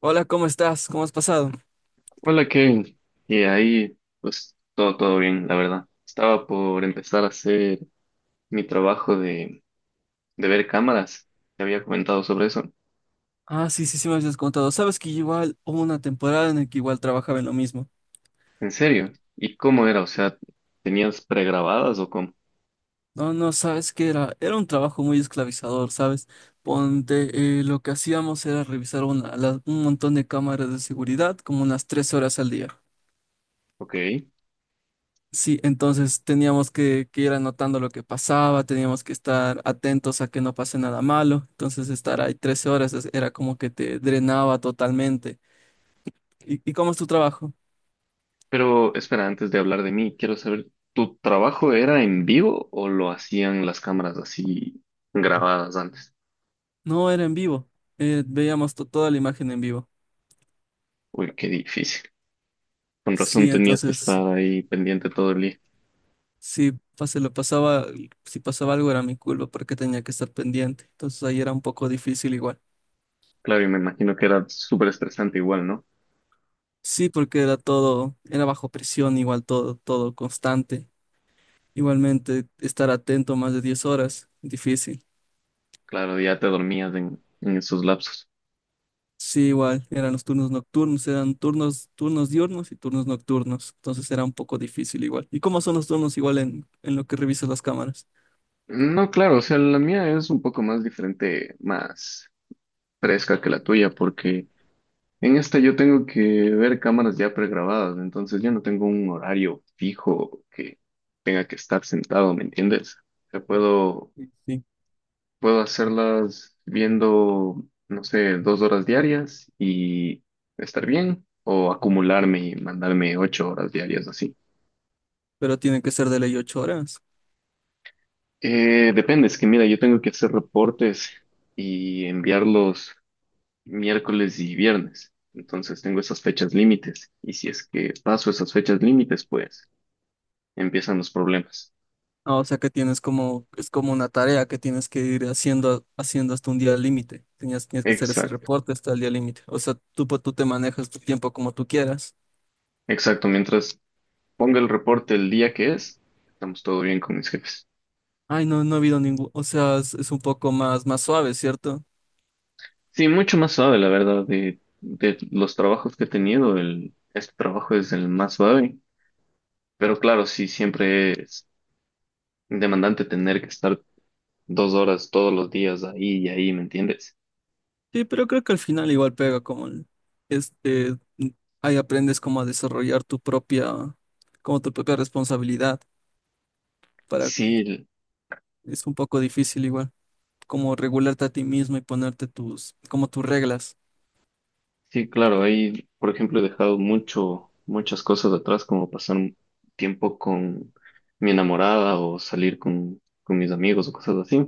Hola, ¿cómo estás? ¿Cómo has pasado? Hola Kevin, y ahí pues todo, bien, la verdad. Estaba por empezar a hacer mi trabajo de ver cámaras, te había comentado sobre eso. Ah, sí, sí, sí me habías contado. Sabes que igual hubo una temporada en la que igual trabajaba en lo mismo. ¿En serio? ¿Y cómo era? O sea, ¿tenías pregrabadas o cómo? No, no, sabes que era un trabajo muy esclavizador, ¿sabes? Ponte, lo que hacíamos era revisar un montón de cámaras de seguridad como unas 3 horas al día. Ok, Sí, entonces teníamos que ir anotando lo que pasaba, teníamos que estar atentos a que no pase nada malo. Entonces estar ahí 13 horas era como que te drenaba totalmente. ¿Y cómo es tu trabajo? pero espera, antes de hablar de mí, quiero saber, ¿tu trabajo era en vivo o lo hacían las cámaras así grabadas antes? No, era en vivo. Veíamos toda la imagen en vivo. Uy, qué difícil. Con Sí, razón tenías que entonces, estar ahí pendiente todo el día. si pas- se lo pasaba, si pasaba algo era mi culpa porque tenía que estar pendiente. Entonces ahí era un poco difícil igual. Claro, y me imagino que era súper estresante igual, ¿no? Sí, porque era todo, era bajo presión, igual todo constante. Igualmente, estar atento más de 10 horas, difícil. Claro, ya te dormías en esos lapsos. Sí, igual, eran los turnos nocturnos, eran turnos, turnos diurnos y turnos nocturnos. Entonces era un poco difícil igual. ¿Y cómo son los turnos igual en lo que revisas las cámaras? No, claro, o sea, la mía es un poco más diferente, más fresca que la tuya, porque en esta yo tengo que ver cámaras ya pregrabadas, entonces yo no tengo un horario fijo que tenga que estar sentado, ¿me entiendes? O sea, Sí. puedo hacerlas viendo, no sé, 2 horas diarias y estar bien, o acumularme y mandarme 8 horas diarias así. Pero tiene que ser de ley 8 horas. Depende, es que mira, yo tengo que hacer reportes y enviarlos miércoles y viernes. Entonces tengo esas fechas límites. Y si es que paso esas fechas límites, pues empiezan los problemas. Ah, o sea que tienes como, es como una tarea que tienes que ir haciendo hasta un día límite. Tienes que hacer ese Exacto, reporte hasta el día límite. O sea, tú, tú te manejas tu tiempo como tú quieras. exacto. Mientras ponga el reporte el día que es, estamos todo bien con mis jefes. Ay, no, no ha habido ningún, o sea, es un poco más, más suave, ¿cierto? Sí, mucho más suave, la verdad, de los trabajos que he tenido, este trabajo es el más suave. Pero claro, sí, siempre es demandante tener que estar 2 horas todos los días ahí y ahí, ¿me entiendes? Sí, pero creo que al final igual pega como este, ahí aprendes como a desarrollar tu propia, como tu propia responsabilidad para, Sí, es un poco difícil igual, como regularte a ti mismo y ponerte tus, como tus reglas. sí, claro, ahí, por ejemplo, he dejado muchas cosas atrás, como pasar un tiempo con mi enamorada o salir con mis amigos o cosas así,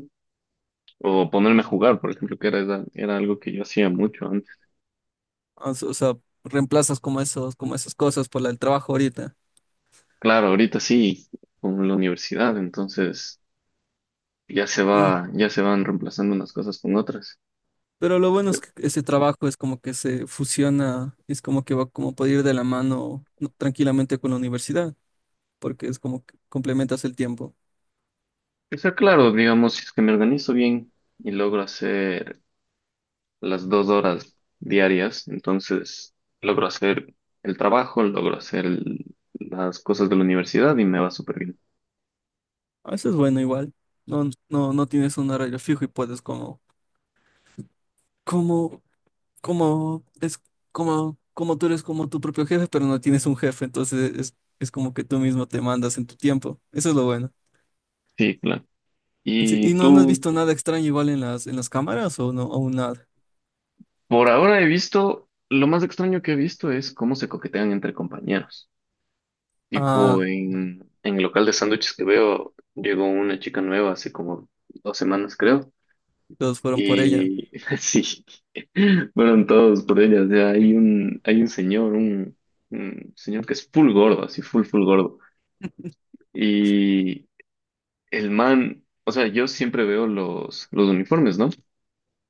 o ponerme a jugar, por ejemplo, que era, era algo que yo hacía mucho antes. O sea, reemplazas como esos, como esas cosas por la del trabajo ahorita. Claro, ahorita sí, con la universidad, entonces ya se Mm. va, ya se van reemplazando unas cosas con otras. Pero lo bueno es que ese trabajo es como que se fusiona, es como que va como puede ir de la mano no, tranquilamente con la universidad, porque es como que complementas el tiempo. O sea, claro, digamos, si es que me organizo bien y logro hacer las 2 horas diarias, entonces logro hacer el trabajo, logro hacer las cosas de la universidad y me va súper bien. A veces bueno igual. No, no, no tienes un horario fijo y puedes como, es como tú eres como tu propio jefe, pero no tienes un jefe, entonces es como que tú mismo te mandas en tu tiempo. Eso es lo bueno. Sí, claro. Sí, ¿y Y no, no has tú, visto nada extraño igual en las cámaras o no, aún nada? por ahora he visto, lo más extraño que he visto es cómo se coquetean entre compañeros. Tipo, Ah, en el local de sándwiches que veo, llegó una chica nueva hace como 2 semanas, creo. todos fueron por ella, Y sí, fueron todos por ella. O sea, hay un señor que es full gordo, así full, full gordo. Y el man, o sea, yo siempre veo los uniformes, ¿no?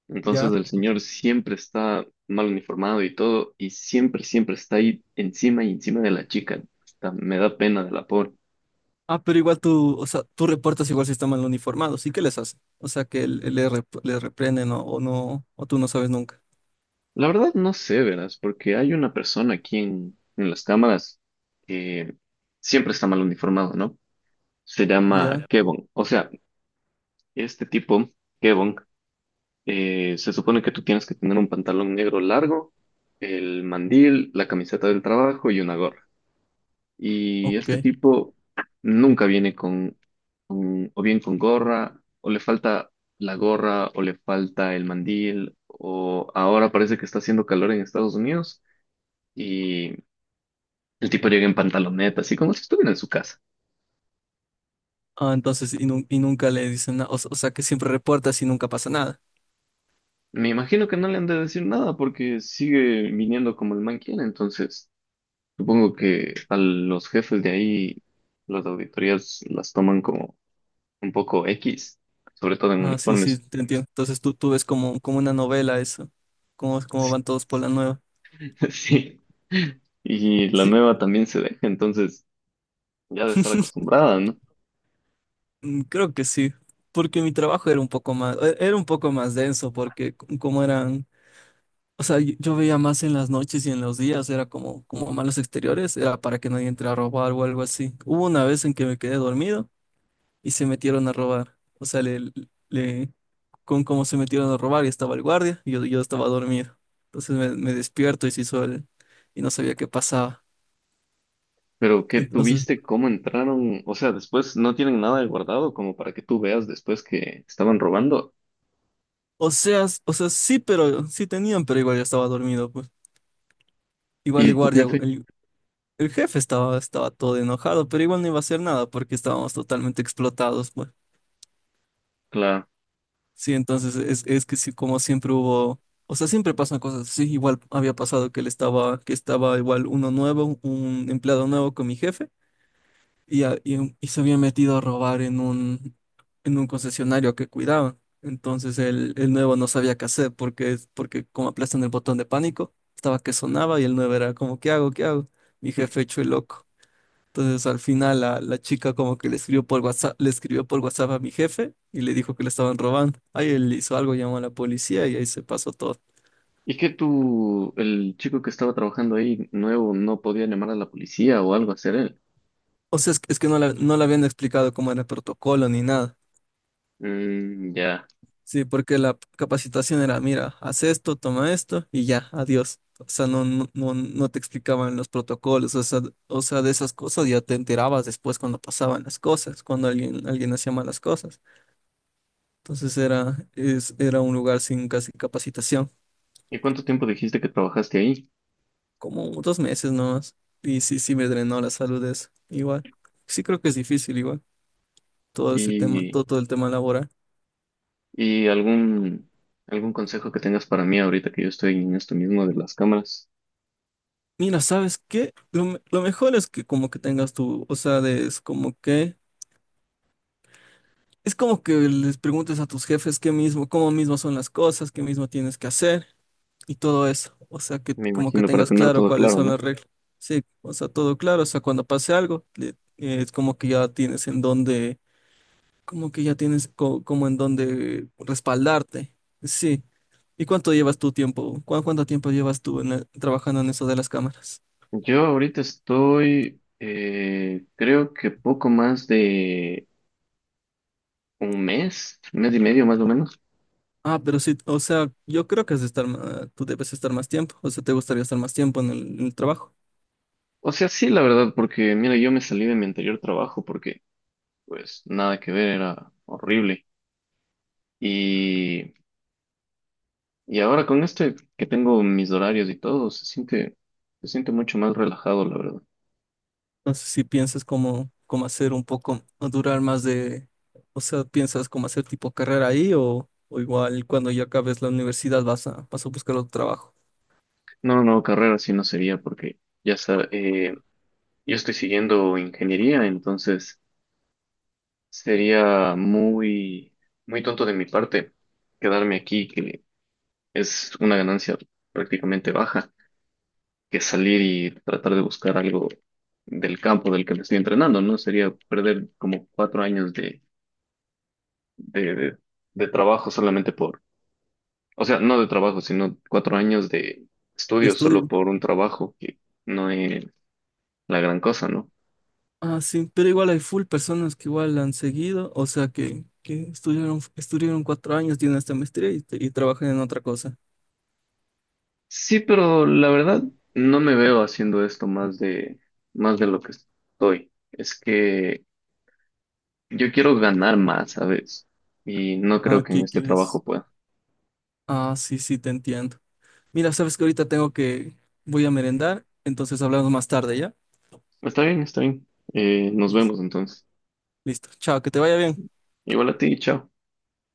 Entonces ya. el señor siempre está mal uniformado y todo, y siempre, siempre está ahí encima y encima de la chica. Hasta me da pena de la pobre. Ah, pero igual tú, o sea, tú reportas igual si están mal uniformados, ¿y qué les hacen? O sea, que le, le reprenden o no, o tú no sabes nunca, La verdad no sé, verás, porque hay una persona aquí en las cámaras que siempre está mal uniformado, ¿no? Se llama ya. Kebon. O sea, este tipo, Kebon, se supone que tú tienes que tener un pantalón negro largo, el mandil, la camiseta del trabajo y una gorra. Y Ok. este tipo nunca viene o bien con gorra, o le falta la gorra, o le falta el mandil, o ahora parece que está haciendo calor en Estados Unidos y el tipo llega en pantaloneta, así como si estuviera en su casa. Ah, entonces, y nunca le dicen nada, o, o sea, que siempre reportas y nunca pasa nada. Me imagino que no le han de decir nada porque sigue viniendo como el man quiere, entonces supongo que a los jefes de ahí las auditorías las toman como un poco X, sobre todo en Ah, sí, sí, uniformes. te entiendo. Entonces tú ves como, como una novela eso, cómo, cómo van todos por la nueva. Sí. Y la Sí. nueva también se deja, entonces ya debe estar acostumbrada, ¿no? Mm. Creo que sí, porque mi trabajo era un poco más, era un poco más denso, porque como eran, o sea, yo veía más en las noches y en los días, era como, como malos exteriores, era para que nadie entre a robar o algo así. Hubo una vez en que me quedé dormido y se metieron a robar, o sea, le- con cómo se metieron a robar y estaba el guardia y yo estaba dormido. Entonces me despierto y se hizo el, y no sabía qué pasaba. Pero ¿qué Entonces, tuviste? ¿Cómo entraron? O sea, después no tienen nada de guardado como para que tú veas después que estaban robando. o sea, o sea, sí, pero sí tenían, pero igual yo estaba dormido, pues. Igual el ¿Y tu guardia, jefe? el. El jefe estaba todo enojado, pero igual no iba a hacer nada porque estábamos totalmente explotados, pues. Claro. Sí, entonces es que sí, como siempre hubo, o sea, siempre pasan cosas. Sí. Igual había pasado que él estaba, que estaba igual uno nuevo, un empleado nuevo con mi jefe, y se había metido a robar en un concesionario que cuidaba. Entonces el nuevo no sabía qué hacer porque, porque como aplastan el botón de pánico, estaba que sonaba y el nuevo era como, ¿qué hago? ¿Qué hago? Mi jefe hecho el loco. Entonces al final la, la chica como que le escribió por WhatsApp, le escribió por WhatsApp a mi jefe y le dijo que le estaban robando. Ahí él hizo algo, llamó a la policía y ahí se pasó todo. ¿Y que tú, el chico que estaba trabajando ahí nuevo, no podía llamar a la policía o algo hacer él? O sea, es que no, no le habían explicado cómo era el protocolo ni nada. Mm, ya. Sí, porque la capacitación era, mira, haz esto, toma esto y ya, adiós. O sea, no te explicaban los protocolos, o sea, de esas cosas ya te enterabas después cuando pasaban las cosas, cuando alguien, alguien hacía malas cosas. Entonces era, es, era un lugar sin casi capacitación. ¿Y cuánto tiempo dijiste que trabajaste ahí? Como 2 meses nomás. Y sí, sí me drenó la salud eso. Igual. Sí creo que es difícil igual. Todo ese tema, ¿Y, todo, todo el tema laboral. y algún, algún consejo que tengas para mí ahorita que yo estoy en esto mismo de las cámaras? Mira, ¿sabes qué? Lo, lo mejor es que como que tengas tu, o sea, es como que les preguntes a tus jefes qué mismo, cómo mismo son las cosas, qué mismo tienes que hacer y todo eso. O sea, que Me como que imagino para tengas tener claro todo cuáles claro, son ¿no? las reglas. Sí, o sea, todo claro. O sea, cuando pase algo, es como que ya tienes en dónde. Como que ya tienes como en donde respaldarte. Sí. ¿Y cuánto llevas tu tiempo? ¿Cuánto tiempo llevas tú en trabajando en eso de las cámaras? Yo ahorita estoy, creo que poco más de un mes y medio más o menos. Ah, pero sí, o sea, yo creo que has de estar, tú debes estar más tiempo, o sea, te gustaría estar más tiempo en el trabajo. O sea, sí, la verdad, porque mira, yo me salí de mi anterior trabajo porque pues nada que ver, era horrible. Y, y ahora con este que tengo mis horarios y todo, se siente mucho más relajado, la verdad. Entonces, si piensas como, como hacer un poco, o durar más de, o sea, piensas como hacer tipo carrera ahí o igual cuando ya acabes la universidad vas a, vas a buscar otro trabajo No, no, no, carrera sí no sería porque ya está, yo estoy siguiendo ingeniería, entonces sería muy, muy tonto de mi parte quedarme aquí, que es una ganancia prácticamente baja, que salir y tratar de buscar algo del campo del que me estoy entrenando, ¿no? Sería perder como 4 años de, de- de trabajo solamente por, o sea, no de trabajo, sino 4 años de de estudio solo estudio. por un trabajo, que no es la gran cosa, ¿no? Ah, sí, pero igual hay full personas que igual la han seguido, o sea, que estudiaron, estudiaron 4 años, tienen esta maestría y trabajan en otra cosa. Sí, pero la verdad no me veo haciendo esto más de lo que estoy. Es que yo quiero ganar más, ¿sabes? Y no creo Ah, que en ¿qué este trabajo quieres? pueda. Ah, sí, sí, te entiendo. Mira, sabes que ahorita tengo que, voy a merendar, entonces hablamos más tarde, ¿ya? Está bien, está bien. Nos vemos entonces. Listo, chao, que te vaya bien. Igual a ti, chao.